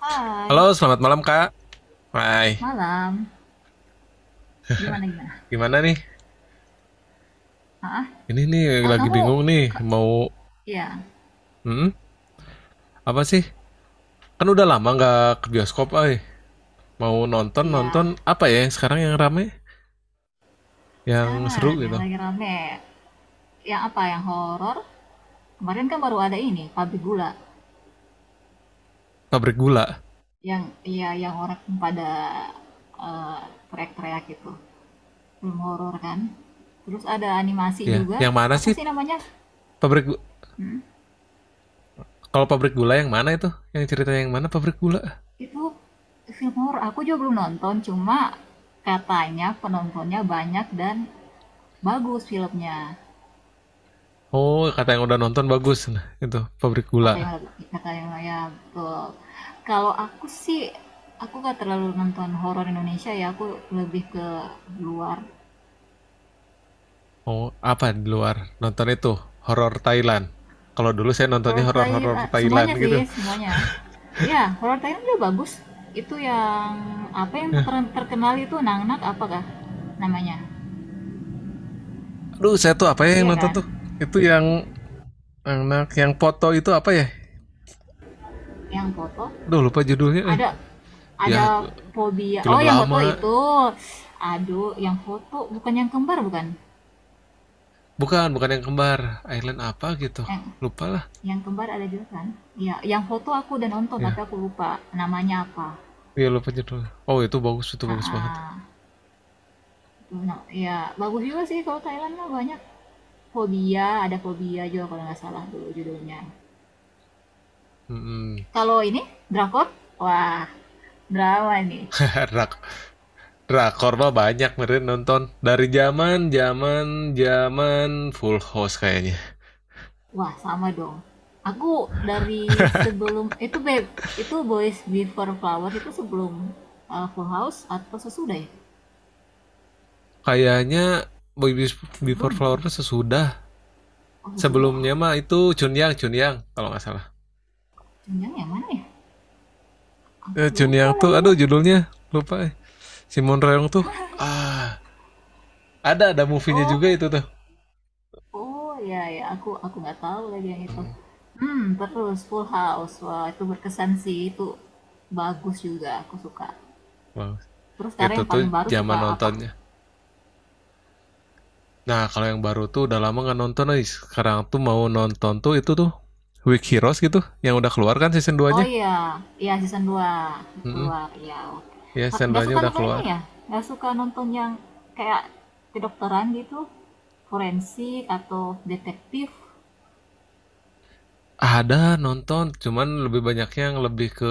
Hai, Halo, selamat malam Kak. Hai, malam. Gimana gimana? gimana nih? Ah, Ini nih ah, lagi kamu bingung nih ke, mau ya, hmm, apa sih? Kan udah lama nggak ke bioskop, ay. Mau nonton nonton iya. apa ya yang sekarang yang rame, yang seru Sekarang yang gitu? lagi rame, yang apa? Yang horor? Kemarin kan baru ada ini, pabrik gula. Pabrik gula, Yang iya, yang orang pada eh, teriak-teriak gitu. Film horor kan. Terus ada animasi ya. juga. Yang mana Apa sih? sih namanya? Pabrik gu- Hmm, Kalau pabrik gula yang mana itu? Yang cerita yang mana pabrik gula? Itu film horor. Aku juga belum nonton, cuma katanya penontonnya banyak dan bagus filmnya. Oh, kata yang udah nonton bagus. Nah, itu pabrik gula. Takayama Takayamaya, betul. Kalau aku sih, aku gak terlalu nonton horor Indonesia ya, aku lebih ke luar. Oh, apa di luar? Nonton itu horor Thailand. Kalau dulu saya nontonnya Horor Thailand, horor-horor Thailand semuanya sih, gitu. semuanya. Ya, horor Thailand juga bagus. Itu yang, apa yang terkenal itu Nangnak apakah namanya? Aduh, saya tuh apa ya yang Iya nonton kan? tuh? Itu yang anak yang foto itu apa ya? Yang foto. Duh, lupa judulnya. Eh, Ada, ada ya fobia. Oh, film yang foto lama. itu. Aduh, yang foto bukan yang kembar bukan? Bukan, bukan yang kembar. Island apa gitu. Eh, Lupa lah. Yang kembar ada juga kan? Ya, yang foto aku udah nonton tapi Ya, aku lupa namanya apa. ya lupa judulnya. Oh, itu bagus banget. Heeh. Itu, ya bagus juga sih kalau Thailand mah banyak. Fobia, ada fobia juga kalau nggak salah dulu judulnya. Hmm. Kalau ini drakor, wah drama nih. rak Drakor mah banyak meren nonton dari zaman zaman zaman Full House kayaknya. Wah, sama dong. Aku dari sebelum itu babe, itu Boys Before Flowers itu sebelum Full House atau sesudah ya? Kayaknya Before Sebelum ya? Flowers sesudah. Oh sesudah. Sebelumnya mah itu Chun Yang, Chun Yang kalau nggak salah. Jangan yang mana ya? Aku Eh, Chun lupa Yang tuh lagi ya. aduh judulnya lupa eh. Simon Reong tuh ah ada movie-nya juga Oh. itu tuh. Oh, ya ya, aku nggak tahu lagi yang itu. Mm, Hmm, terus Full House. Wah, itu berkesan sih. Itu bagus juga, aku suka. Terus sekarang itu yang tuh paling baru suka zaman apa? nontonnya. Nah, kalau yang baru tuh udah lama nggak nonton nih. Sekarang tuh mau nonton tuh itu tuh Week Heroes gitu yang udah keluar kan season Oh 2-nya. iya, iya season 2 Mm-mm. keluar. Iya, oke. Ya, season Nggak 2-nya suka udah nonton ini keluar. ya? Nggak suka nonton yang kayak kedokteran gitu? Forensik atau detektif? Ada nonton, cuman lebih banyak yang lebih ke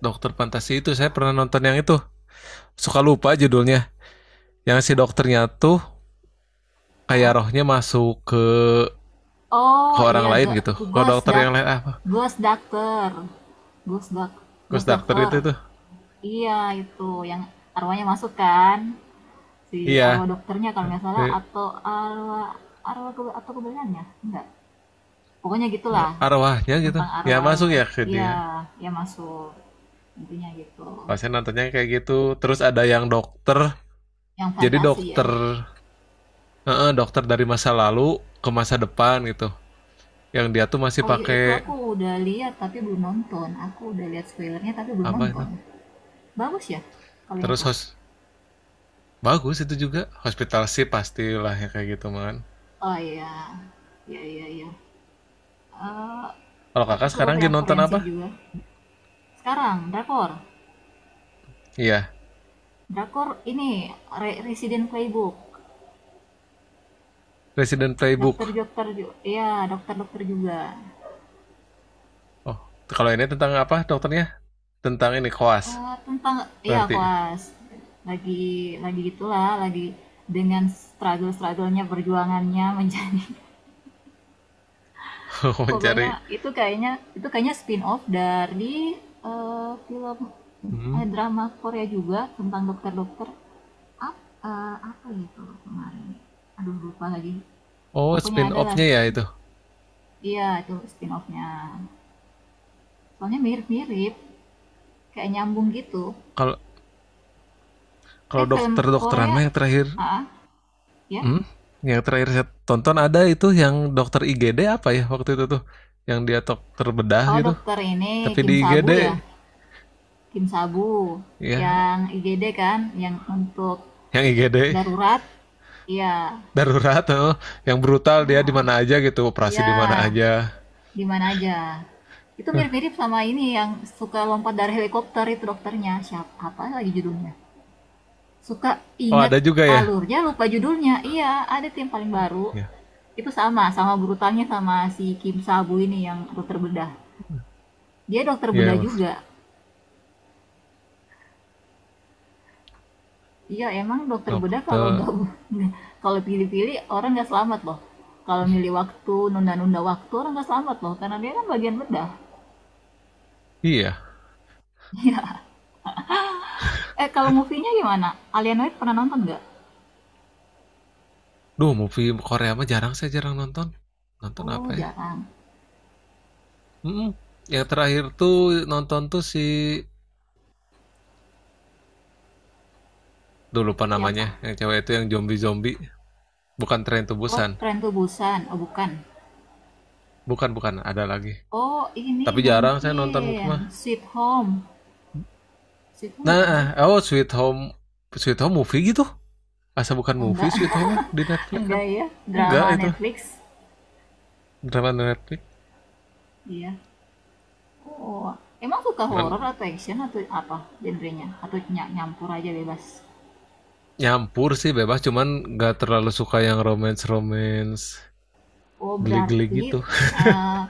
dokter fantasi itu. Saya pernah nonton yang itu. Suka lupa judulnya. Yang si dokternya tuh kayak Hah? rohnya masuk ke Oh orang iya, lain gitu. Ke Ghost dokter Doc yang lain apa? Ghost Doctor. Ghost Doc Kus Ghost dokter Doctor. gitu tuh. Iya, itu yang arwahnya masuk kan, si Iya, arwah dokternya kalau nggak salah, kayak atau arwah arwah kebenarannya? Enggak, pokoknya gitulah, arwahnya gitu tentang ya masuk arwah-arwah. ya ke Iya, dia ya masuk, intinya gitu. kalau saya nontonnya kayak gitu. Terus ada yang dokter Yang jadi fantasi ya. dokter dokter dari masa lalu ke masa depan gitu yang dia tuh masih Oh iya, itu pakai aku udah lihat tapi belum nonton. Aku udah lihat spoilernya tapi belum apa itu. nonton. Bagus ya kalau yang Terus itu? hos bagus itu juga hospital sih pastilah ya kayak gitu man. Oh iya, iya iya iya. Eh, Kalau aku kakak suka sekarang lagi yang nonton apa? forensik juga. Sekarang, drakor. Iya, Drakor ini Resident Playbook, Resident Playbook. Iya dokter-dokter juga. Oh, kalau ini tentang apa dokternya, tentang ini koas Tentang iya berarti. koas lagi lagi gitulah, lagi dengan struggle-strugglenya, perjuangannya menjadi pokoknya Mencari. itu kayaknya, itu kayaknya spin off dari film Mhm. Drama Korea juga tentang dokter-dokter Ap- apa gitu kemarin aduh lupa lagi Oh pokoknya spin adalah off-nya ya itu. iya itu spin offnya soalnya mirip-mirip kayak nyambung gitu Kalau Kalau film dokter-dokteran Korea mah yang terakhir, ah ah, ya hmm? Yang terakhir saya tonton ya ada itu yang dokter IGD apa ya waktu itu tuh, yang dia dokter bedah oh gitu, dokter ini tapi di Kim IGD Sabu ya Kim Sabu, ya, yang IGD kan yang untuk yang IGD darurat, iya darurat, oh. Yang brutal dia di mana aja gitu, operasi iya di mana aja. di mana aja. Itu mirip-mirip sama ini yang suka lompat dari helikopter itu dokternya siapa, apa lagi judulnya. Suka Oh inget ada juga ya, alurnya, lupa judulnya. Iya, ada tim paling baru. ya, Itu sama, sama brutalnya sama si Kim Sabu ini yang dokter bedah. Dia dokter bedah ya juga. Iya, emang dokter bedah kalau dokter, nggak kalau pilih-pilih orang nggak selamat loh. Kalau milih waktu, nunda-nunda waktu orang nggak selamat loh, karena dia kan bagian bedah. iya. Iya. Eh, kalau movie-nya gimana? Alienoid pernah nonton nggak? Duh, movie Korea mah jarang saya jarang nonton. Nonton Oh, apa ya? jarang. Hmm, yang terakhir tuh nonton tuh si, duh lupa namanya, Siapa? yang cewek itu yang zombie-zombie. Bukan Tren to Oh, Busan. Tren Busan. Oh, bukan. Bukan, bukan. Ada lagi. Oh, ini Tapi jarang saya nonton movie mah. mungkin Sweet Home. Sitcom Nah, bukan sih? oh Sweet Home, Sweet Home movie gitu. Asa bukan movie Enggak. Sweet Home mah di Netflix kan? Enggak ya. Enggak Drama itu. Netflix. Drama di Netflix. Iya. Oh, emang suka horror Cuman atau action atau apa genrenya? Atau nyampur aja bebas? nyampur sih bebas, cuman nggak terlalu suka yang romance-romance Oh, geli-geli berarti gitu. eh,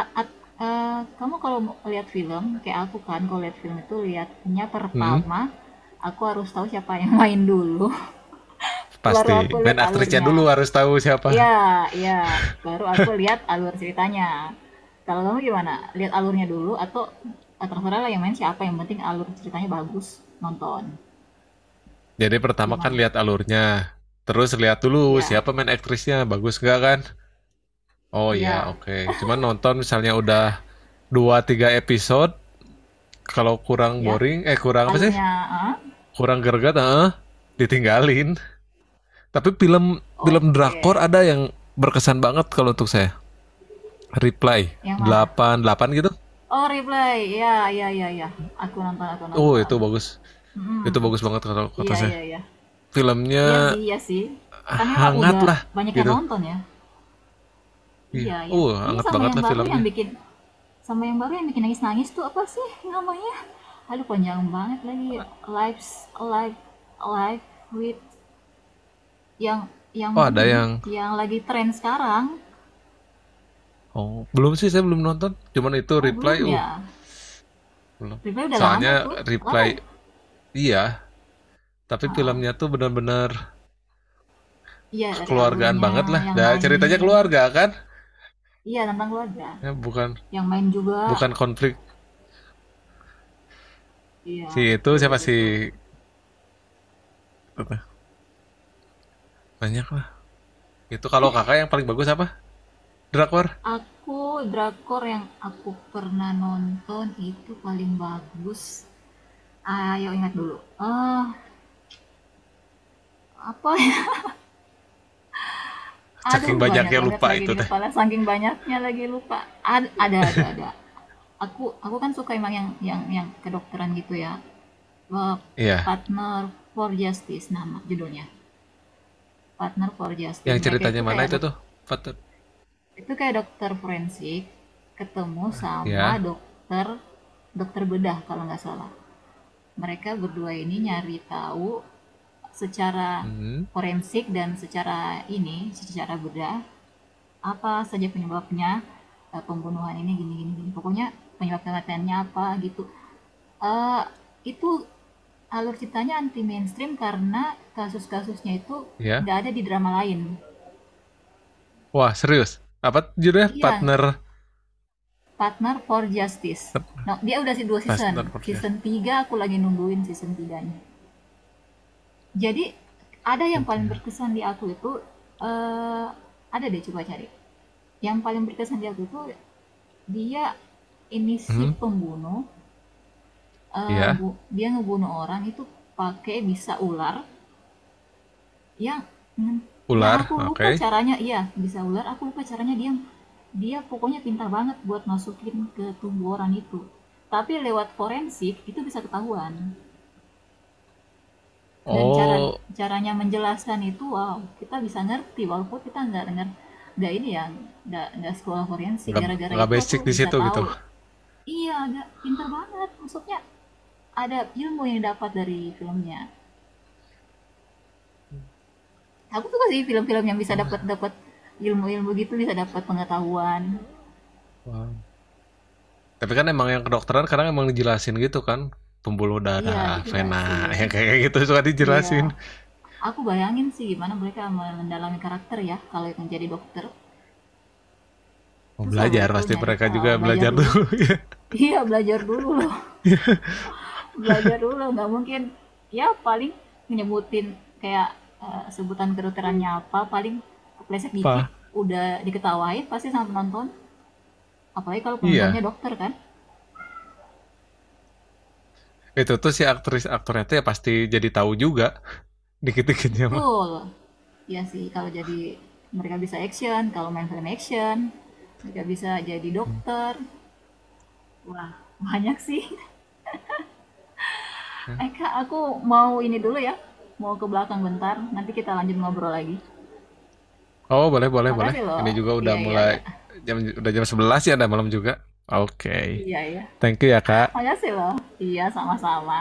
kamu kalau lihat film, kayak aku kan kalau lihat film itu lihatnya Hmm, pertama aku harus tahu siapa yang main dulu. Baru pasti. aku Main lihat aktrisnya alurnya. dulu harus tahu siapa. Iya iya, baru aku lihat alur ceritanya. Kalau kamu gimana? Lihat alurnya dulu atau terserah lah yang main siapa, yang penting alur ceritanya bagus, nonton. Jadi pertama kan Gimana? lihat alurnya. Terus lihat dulu Iya, siapa main aktrisnya, bagus nggak kan? Oh ya, iya, oke. Cuman nonton misalnya udah dua tiga episode, kalau kurang ya. boring, eh kurang apa sih? Alurnya, ah? Kurang greget, heeh, ditinggalin. Tapi film film drakor Oke. ada yang berkesan banget kalau untuk saya. Reply Yang mana? 88 gitu. Oh, Replay. Iya, iya, iya, iya. Aku nonton, aku Oh, nonton. itu bagus. Hmm. Itu bagus banget kalau kata Iya, saya. iya, iya. Filmnya Iya sih, iya sih. Kan memang hangat udah lah banyak yang gitu. nonton ya. Iya. Iya ya. Oh, Ini hangat sama banget yang lah baru filmnya. yang bikin, sama yang baru yang bikin nangis-nangis tuh apa sih namanya? Aduh panjang banget lagi. Lives live live with, yang Oh, ada ini yang, yang lagi tren sekarang. oh, belum sih saya belum nonton. Cuman itu Oh Reply, belum uh, ya. belum. Review udah lama Soalnya itu. Lama Reply, ya? iya, tapi Nah, filmnya tuh benar-benar iya dari kekeluargaan alurnya, banget lah, yang nah, ceritanya main. keluarga kan Iya tentang keluarga. ya, bukan Yang main juga. bukan konflik Iya si itu siapa betul sih, betul. banyak lah itu. Kalau kakak yang paling bagus apa drakor, Aku, drakor yang aku pernah nonton itu paling bagus, ayo ingat dulu. Apa ya? saking Aduh, banyak banyaknya banget lupa lagi itu di teh. kepala, saking banyaknya lagi lupa. Ada ada. Aku kan suka emang yang kedokteran gitu ya. Eee, Iya, Partner for Justice nama judulnya. Partner for Justice. yang Mereka ceritanya itu mana kayak itu tuh, partner itu kayak dokter forensik ketemu sama ya, dokter, dokter bedah kalau nggak salah. Mereka berdua ini nyari tahu secara hmm, forensik dan secara ini, secara bedah, apa saja penyebabnya, pembunuhan ini gini gini gini, pokoknya penyebab kematiannya apa gitu. Eee, itu alur ceritanya anti mainstream karena kasus-kasusnya itu ya, nggak ada di drama lain. wah serius apa judulnya, Iya, partner, Partner for Justice. Nah, dia udah se 2 season, partner, partner, season 3 aku lagi nungguin season tiganya. Jadi ada yang paling ya, berkesan di aku itu, eee, ada deh coba cari. Yang paling berkesan di aku itu dia, ini si hmm, pembunuh, iya, dia ngebunuh orang itu pakai bisa ular yang hmm, yang ular aku oke. lupa Okay. caranya, iya bisa ular aku lupa caranya, dia dia pokoknya pintar banget buat masukin ke tubuh orang itu, tapi lewat forensik itu bisa ketahuan. Dan cara, Oh, caranya menjelaskan itu wow, kita bisa ngerti walaupun kita nggak dengar, nggak ini ya, nggak sekolah forensik, nggak gara-gara nggak itu aku basic di bisa situ tahu. gitu. Iya, nggak pintar banget maksudnya. Ada ilmu yang dapat dari filmnya. Aku suka sih film-film yang bisa Oh, dapat, dapat ilmu-ilmu gitu, bisa dapat pengetahuan. wah, tapi kan emang yang kedokteran kadang emang dijelasin gitu kan, pembuluh Iya darah, vena, dijelasin, ya kayak gitu suka iya. dijelasin. Aku bayangin sih gimana mereka mendalami karakter ya kalau yang jadi dokter. Mau Susah loh belajar itu pasti nyari mereka juga tahu, belajar belajar dulu. dulu ya. Iya belajar dulu loh. Belajar dulu nggak mungkin, ya paling menyebutin kayak sebutan kedokterannya apa, paling kepleset dikit Apa? udah diketawain pasti sama penonton, apalagi kalau penontonnya Iya. dokter kan. Itu tuh si aktris aktornya tuh ya pasti jadi tahu juga dikit-dikitnya mah. Betul. Iya sih, kalau jadi mereka bisa action, kalau main film action, mereka bisa jadi dokter. Wah, banyak sih. Eka, aku mau ini dulu ya. Mau ke belakang bentar, nanti kita lanjut ngobrol lagi. Oh, boleh boleh boleh. Makasih Ini loh. juga udah Iya, iya, iya. mulai jam, udah jam 11 ya, ada malam juga. Oke. Okay. Iya, iya. Thank you ya, Kak. Makasih loh. Iya, sama-sama.